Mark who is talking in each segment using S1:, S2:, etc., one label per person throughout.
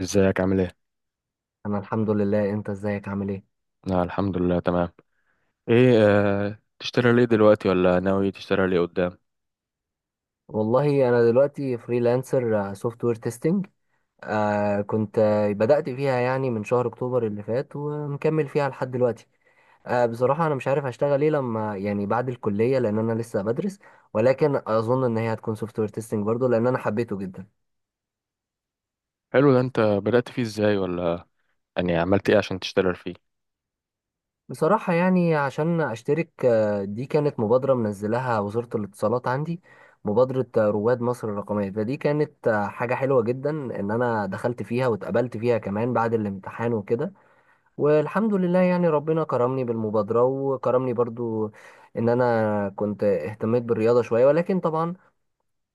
S1: ازيك عامل ايه؟
S2: انا الحمد لله، انت ازيك عامل ايه؟
S1: آه الحمد لله تمام. ايه. تشتري ليه دلوقتي ولا ناوي تشتري ليه قدام؟
S2: والله انا دلوقتي فريلانسر سوفت وير تيستنج. كنت بدأت فيها يعني من شهر اكتوبر اللي فات، ومكمل فيها لحد دلوقتي. بصراحة انا مش عارف هشتغل ايه لما يعني بعد الكلية، لان انا لسه بدرس. ولكن اظن ان هي هتكون سوفت وير تيستنج برضو، لان انا حبيته جدا.
S1: حلو ده، انت بدأت فيه ازاي، ولا يعني عملت ايه عشان تشتري فيه؟
S2: بصراحة يعني عشان أشترك، دي كانت مبادرة منزلها وزارة الاتصالات عندي. مبادرة رواد مصر الرقمية، فدي كانت حاجة حلوة جدا إن أنا دخلت فيها واتقبلت فيها كمان بعد الامتحان وكده. والحمد لله يعني ربنا كرمني بالمبادرة، وكرمني برضو إن أنا كنت اهتميت بالرياضة شوية، ولكن طبعا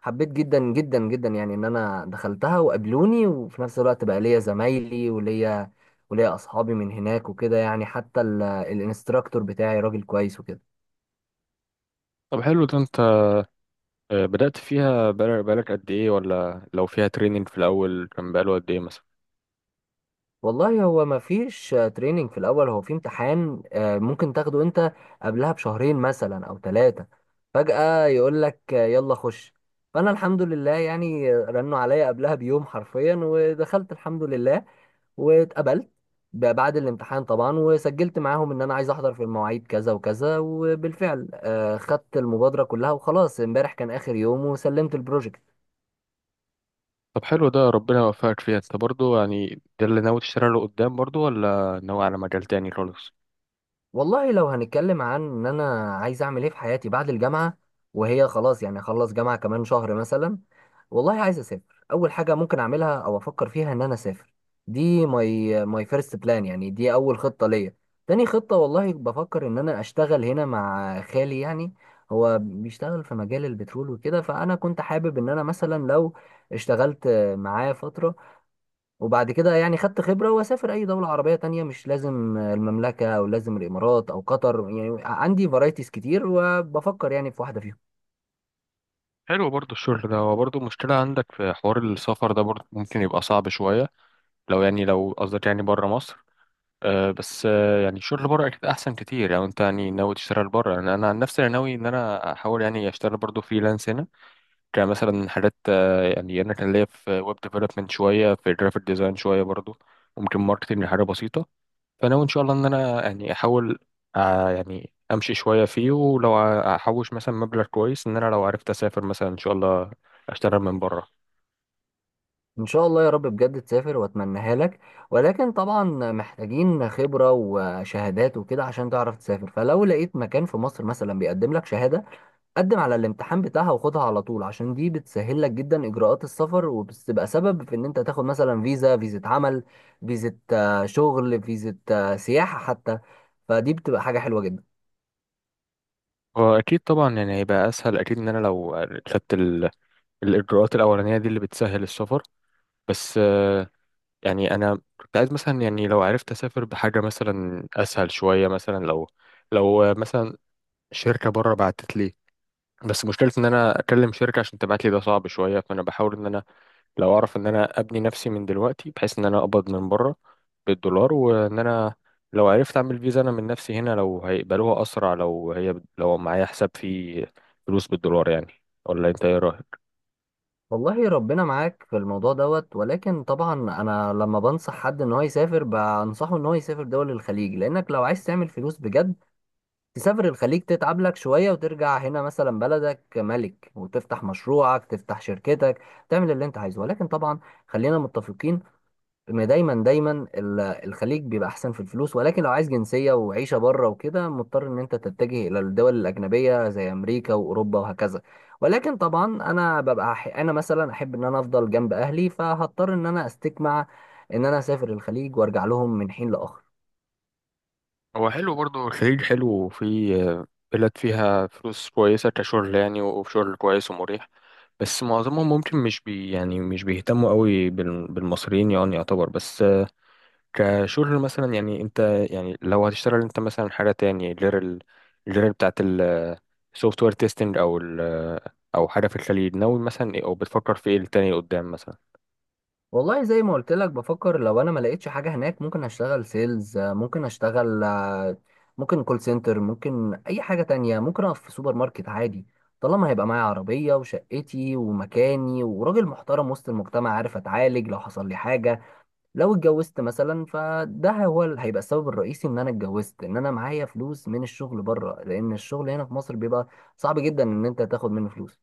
S2: حبيت جدا جدا جدا يعني ان انا دخلتها وقابلوني، وفي نفس الوقت بقى ليا زمايلي وليا اصحابي من هناك وكده، يعني حتى الانستراكتور بتاعي راجل كويس وكده.
S1: طب حلو ده، انت بدأت فيها بقالك قد ايه، ولا لو فيها تريننج في الأول كان بقاله قد ايه مثلا؟
S2: والله هو ما فيش تريننج في الاول، هو في امتحان ممكن تاخده انت قبلها بشهرين مثلا او 3. فجأة يقول لك يلا خش. فانا الحمد لله يعني رنوا عليا قبلها بيوم حرفيا، ودخلت الحمد لله واتقبلت بعد الامتحان طبعا، وسجلت معاهم ان انا عايز احضر في المواعيد كذا وكذا، وبالفعل خدت المبادرة كلها، وخلاص امبارح كان اخر يوم وسلمت البروجكت.
S1: طب حلو ده، ربنا يوفقك فيها انت برضو، يعني ده اللي ناوي تشتري له قدام برضو، ولا ناوي على مجال تاني خالص؟
S2: والله لو هنتكلم عن ان انا عايز اعمل ايه في حياتي بعد الجامعه، وهي خلاص يعني اخلص جامعه كمان شهر مثلا. والله عايز اسافر، اول حاجه ممكن اعملها او افكر فيها ان انا اسافر. دي ماي فيرست بلان، يعني دي اول خطه ليا. تاني خطه، والله بفكر ان انا اشتغل هنا مع خالي، يعني هو بيشتغل في مجال البترول وكده، فانا كنت حابب ان انا مثلا لو اشتغلت معاه فتره، وبعد كده يعني خدت خبرة واسافر اي دولة عربية تانية، مش لازم المملكة او لازم الامارات او قطر. يعني عندي فرايتيز كتير، وبفكر يعني في واحدة فيهم.
S1: حلو برضو الشغل ده، هو برضو مشكلة عندك في حوار السفر ده برضو، ممكن يبقى صعب شوية لو، يعني لو قصدك يعني بره مصر. بس يعني الشغل بره اكيد احسن كتير لو انت يعني ناوي تشتغل بره. يعني انا عن نفسي انا ناوي ان انا احاول يعني اشتغل برضو فريلانس هنا. كان مثلا حاجات، يعني انا كان ليا في ويب ديفلوبمنت شويه، في جرافيك ديزاين شويه برضو، وممكن ماركتنج حاجه بسيطه. فانا ان شاء الله ان انا يعني احاول. يعني امشي شويه فيه، ولو احوش مثلا مبلغ كويس، ان انا لو عرفت اسافر مثلا ان شاء الله اشتغل من بره.
S2: ان شاء الله يا رب بجد تسافر، واتمناها لك. ولكن طبعا محتاجين خبرة وشهادات وكده عشان تعرف تسافر. فلو لقيت مكان في مصر مثلا بيقدم لك شهادة، قدم على الامتحان بتاعها وخدها على طول، عشان دي بتسهل لك جدا اجراءات السفر، وبتبقى سبب في ان انت تاخد مثلا فيزا، فيزا عمل، فيزا شغل، فيزا سياحة حتى. فدي بتبقى حاجة حلوة جدا.
S1: واكيد طبعا يعني هيبقى اسهل اكيد ان انا لو خدت الاجراءات الاولانيه دي اللي بتسهل السفر. بس يعني انا كنت عايز مثلا، يعني لو عرفت اسافر بحاجه مثلا اسهل شويه، مثلا لو مثلا شركه بره بعتت لي. بس مشكلة ان انا اكلم شركة عشان تبعت لي ده صعب شوية. فانا بحاول ان انا لو اعرف ان انا ابني نفسي من دلوقتي بحيث ان انا اقبض من بره بالدولار، وان انا لو عرفت اعمل فيزا انا من نفسي هنا لو هيقبلوها اسرع، لو هي لو معايا حساب فيه فلوس بالدولار يعني. ولا انت ايه رأيك؟
S2: والله ربنا معاك في الموضوع دوت. ولكن طبعا انا لما بنصح حد ان هو يسافر، بنصحه ان هو يسافر دول الخليج، لانك لو عايز تعمل فلوس بجد تسافر الخليج، تتعب لك شوية وترجع هنا مثلا بلدك ملك، وتفتح مشروعك، تفتح شركتك، تعمل اللي انت عايزه. ولكن طبعا خلينا متفقين، ما دايما دايما الخليج بيبقى احسن في الفلوس. ولكن لو عايز جنسيه وعيشه بره وكده، مضطر ان انت تتجه الى الدول الاجنبيه زي امريكا واوروبا وهكذا. ولكن طبعا انا ببقى انا مثلا احب ان انا افضل جنب اهلي، فهضطر ان انا استجمع ان انا اسافر الخليج وارجع لهم من حين لاخر.
S1: هو حلو برضه الخليج حلو، وفي بلاد فيها فلوس كويسة كشغل يعني، وشغل كويس ومريح. بس معظمهم ممكن مش بي، يعني مش بيهتموا قوي بالمصريين يعني، يعتبر. بس كشغل مثلا يعني انت، يعني لو هتشتغل انت مثلا حاجة تاني غير بتاعة السوفت وير تيستنج، او او حاجة في الخليج، ناوي مثلا ايه، او بتفكر في ايه التاني قدام مثلا؟
S2: والله زي ما قلت لك، بفكر لو انا ما لقيتش حاجه هناك، ممكن اشتغل سيلز، ممكن اشتغل ممكن كول سنتر، ممكن اي حاجه تانية، ممكن اقف في سوبر ماركت عادي. طالما هيبقى معايا عربيه وشقتي ومكاني، وراجل محترم وسط المجتمع، عارف اتعالج لو حصل لي حاجه، لو اتجوزت مثلا. فده هو اللي هيبقى السبب الرئيسي ان انا اتجوزت، ان انا معايا فلوس من الشغل بره، لان الشغل هنا في مصر بيبقى صعب جدا ان انت تاخد منه فلوس.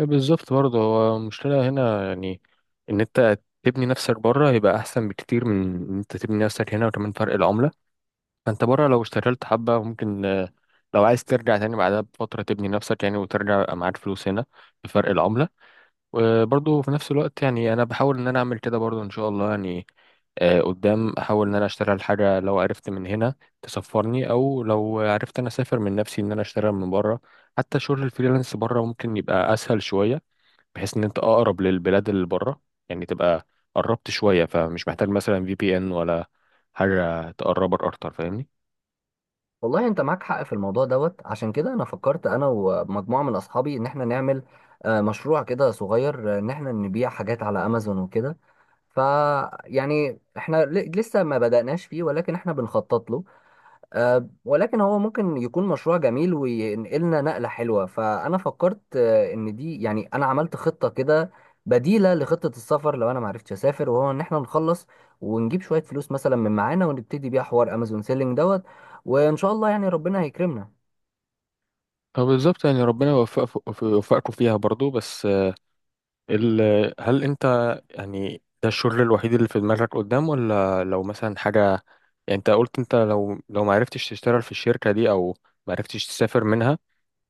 S1: إيه بالظبط برضه، هو المشكلة هنا يعني إن أنت تبني نفسك بره هيبقى أحسن بكتير من إن أنت تبني نفسك هنا، وكمان فرق العملة. فأنت بره لو اشتغلت حبة ممكن، لو عايز ترجع تاني بعدها بفترة تبني نفسك، يعني وترجع يبقى معاك فلوس هنا بفرق العملة. وبرضه في نفس الوقت يعني أنا بحاول إن أنا أعمل كده برضه إن شاء الله يعني. قدام أحاول إن أنا أشتغل حاجة، لو عرفت من هنا تسفرني، أو لو عرفت أنا أسافر من نفسي إن أنا أشتغل من بره. حتى شغل الفريلانس بره ممكن يبقى أسهل شوية، بحيث ان انت اقرب للبلاد اللي بره، يعني تبقى قربت شويه، فمش محتاج مثلا في بي ان ولا حاجه تقربك اكتر. فاهمني؟
S2: والله انت معاك حق في الموضوع دوت. عشان كده انا فكرت انا ومجموعه من اصحابي ان احنا نعمل مشروع كده صغير، ان احنا نبيع حاجات على امازون وكده. ف يعني احنا لسه ما بدأناش فيه، ولكن احنا بنخطط له. ولكن هو ممكن يكون مشروع جميل وينقلنا نقلة حلوة. فأنا فكرت إن دي، يعني أنا عملت خطة كده بديلة لخطة السفر لو أنا معرفتش أسافر، وهو إن إحنا نخلص ونجيب شوية فلوس مثلا من معانا، ونبتدي بيها حوار أمازون سيلينج دوت. وإن شاء الله يعني ربنا هيكرمنا.
S1: فبالظبط يعني ربنا يوفقك يوفقكم فيها برضو. بس ال... هل انت، يعني ده الشغل الوحيد اللي في دماغك قدام، ولا لو مثلا حاجه، يعني انت قلت انت لو ما عرفتش تشتغل في الشركه دي، او ما عرفتش تسافر منها،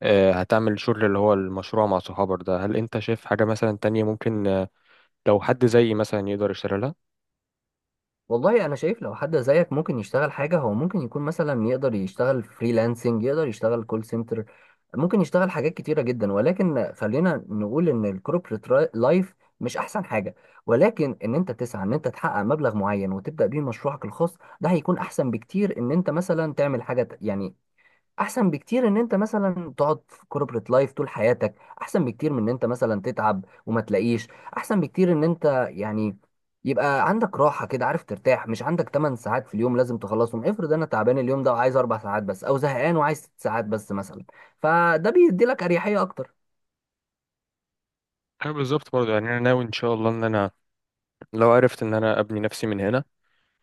S1: هتعمل شغل اللي هو المشروع مع صحابك ده. هل انت شايف حاجه مثلا تانية ممكن، لو حد زيي مثلا يقدر يشتغلها؟
S2: والله انا شايف لو حد زيك ممكن يشتغل حاجه، هو ممكن يكون مثلا يقدر يشتغل فريلانسنج، يقدر يشتغل كول سنتر، ممكن يشتغل حاجات كتيره جدا. ولكن خلينا نقول ان الكوربريت لايف مش احسن حاجه. ولكن ان انت تسعى ان انت تحقق مبلغ معين وتبدا بيه مشروعك الخاص، ده هيكون احسن بكتير ان انت مثلا تعمل حاجه. يعني احسن بكتير ان انت مثلا تقعد في كوربريت لايف طول حياتك، احسن بكتير من ان انت مثلا تتعب وما تلاقيش، احسن بكتير ان انت يعني يبقى عندك راحة كده، عارف ترتاح، مش عندك 8 ساعات في اليوم لازم تخلصهم. افرض انا تعبان اليوم ده وعايز 4 ساعات بس، او زهقان وعايز 6 ساعات بس مثلا. فده بيدي لك اريحية اكتر.
S1: أيوة بالظبط برضه، يعني أنا ناوي إن شاء الله إن أنا لو عرفت إن أنا أبني نفسي من هنا،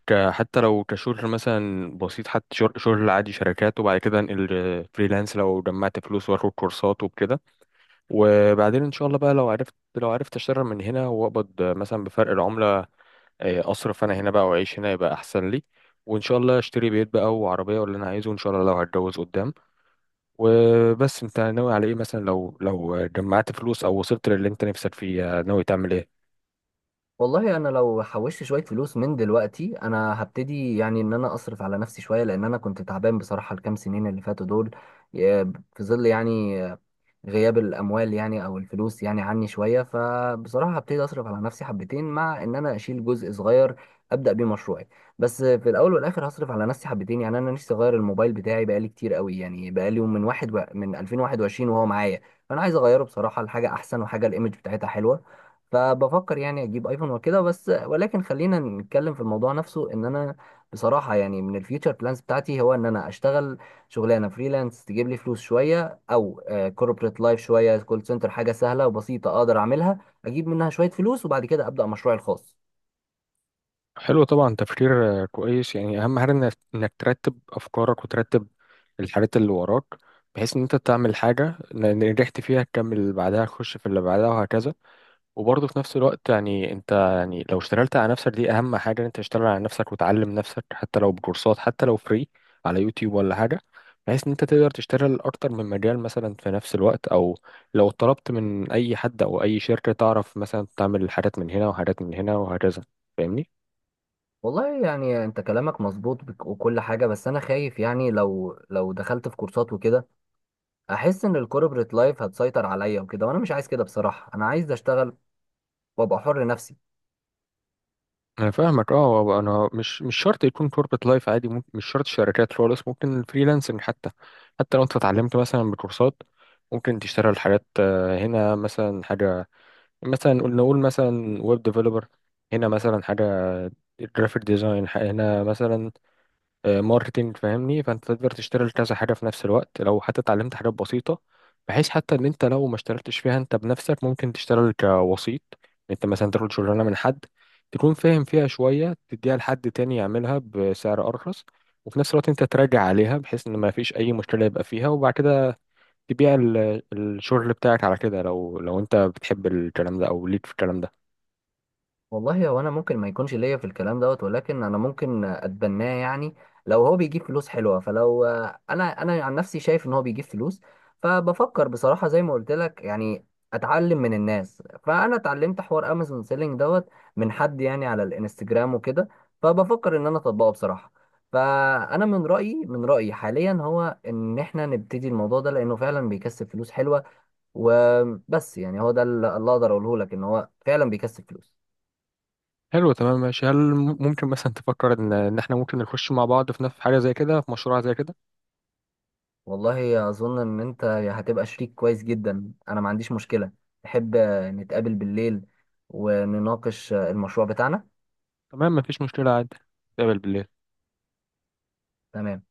S1: حتى لو كشغل مثلا بسيط، حتى شغل عادي شركات، وبعد كده أنقل فريلانس لو جمعت فلوس وآخد كورسات وكده. وبعدين إن شاء الله بقى لو عرفت أشتغل من هنا وأقبض مثلا بفرق العملة، أصرف أنا هنا بقى وأعيش هنا يبقى أحسن لي. وإن شاء الله أشتري بيت بقى وعربية واللي أنا عايزه إن شاء الله لو هتجوز قدام. وبس أنت ناوي على إيه مثلا، لو جمعت فلوس أو وصلت للي أنت نفسك فيه، ناوي تعمل إيه؟
S2: والله انا لو حوشت شوية فلوس من دلوقتي، انا هبتدي يعني ان انا اصرف على نفسي شوية، لان انا كنت تعبان بصراحة الكام سنين اللي فاتوا دول، ي- في ظل يعني غياب الاموال، يعني او الفلوس يعني عني شويه. فبصراحه هبتدي اصرف على نفسي حبتين، مع ان انا اشيل جزء صغير ابدا بيه مشروعي. بس في الاول والاخر هصرف على نفسي حبتين، يعني انا نفسي اغير الموبايل بتاعي بقالي كتير قوي، يعني بقالي من 2021 وهو معايا. فانا عايز اغيره بصراحه لحاجه احسن، وحاجه الايمج بتاعتها حلوه. فبفكر يعني اجيب ايفون وكده بس. ولكن خلينا نتكلم في الموضوع نفسه، ان انا بصراحه يعني من الفيوتشر بلانز بتاعتي هو ان انا اشتغل شغلانه فريلانس تجيب لي فلوس شويه، او كوربريت لايف شويه، كول سنتر حاجه سهله وبسيطه اقدر اعملها، اجيب منها شويه فلوس، وبعد كده ابدا مشروعي الخاص.
S1: حلو، طبعا تفكير كويس. يعني اهم حاجه انك إنك ترتب افكارك وترتب الحاجات اللي وراك بحيث ان انت تعمل حاجه، إن نجحت فيها تكمل اللي بعدها، تخش في اللي بعدها، وهكذا. وبرضه في نفس الوقت يعني انت، يعني لو اشتغلت على نفسك، دي اهم حاجه ان انت تشتغل على نفسك وتعلم نفسك، حتى لو بكورسات، حتى لو فري على يوتيوب ولا حاجه، بحيث ان انت تقدر تشتغل اكتر من مجال مثلا في نفس الوقت، او لو طلبت من اي حد او اي شركه تعرف مثلا تعمل حاجات من هنا وحاجات من هنا وهكذا. فاهمني؟
S2: والله يعني انت كلامك مظبوط وكل حاجه، بس انا خايف يعني لو دخلت في كورسات وكده، احس ان الكوربريت لايف هتسيطر عليا وكده، وانا مش عايز كده بصراحه. انا عايز اشتغل وابقى حر نفسي.
S1: انا فاهمك. اه هو انا مش شرط يكون كوربت لايف عادي، ممكن مش شرط شركات خالص، ممكن فريلانسنج حتى. حتى لو انت اتعلمت مثلا بكورسات، ممكن تشتغل حاجات، هنا مثلا حاجه، مثلا نقول مثلا ويب ديفلوبر، هنا مثلا حاجه جرافيك ديزاين، هنا مثلا ماركتينج. فاهمني؟ فانت تقدر تشتغل كذا حاجه في نفس الوقت لو حتى اتعلمت حاجات بسيطه، بحيث حتى ان انت لو ما اشتغلتش فيها انت بنفسك ممكن تشتغل كوسيط. انت مثلا تاخد شغلانه من حد، تكون فاهم فيها شويه، تديها لحد تاني يعملها بسعر ارخص، وفي نفس الوقت انت تراجع عليها بحيث ان ما فيش اي مشكله يبقى فيها، وبعد كده تبيع الشغل بتاعك على كده، لو انت بتحب الكلام ده او ليك في الكلام ده.
S2: والله هو انا ممكن ما يكونش ليا في الكلام دوت، ولكن انا ممكن اتبناه يعني لو هو بيجيب فلوس حلوه. فلو انا عن نفسي شايف ان هو بيجيب فلوس. فبفكر بصراحه زي ما قلت لك، يعني اتعلم من الناس. فانا اتعلمت حوار امازون سيلينج دوت من حد يعني على الانستجرام وكده. فبفكر ان انا اطبقه بصراحه. فانا من رايي حاليا هو ان احنا نبتدي الموضوع ده، لانه فعلا بيكسب فلوس حلوه. وبس يعني هو ده اللي اقدر اقوله لك، ان هو فعلا بيكسب فلوس.
S1: حلو تمام ماشي. هل ممكن مثلا تفكر ان إن احنا ممكن نخش مع بعض في نفس حاجه زي كده، في مشروع زي كده؟
S2: والله اظن ان انت هتبقى شريك كويس جدا، انا ما عنديش مشكلة. تحب نتقابل بالليل ونناقش المشروع بتاعنا؟
S1: تمام، مفيش مشكلة عادي. نتقابل بالليل.
S2: تمام.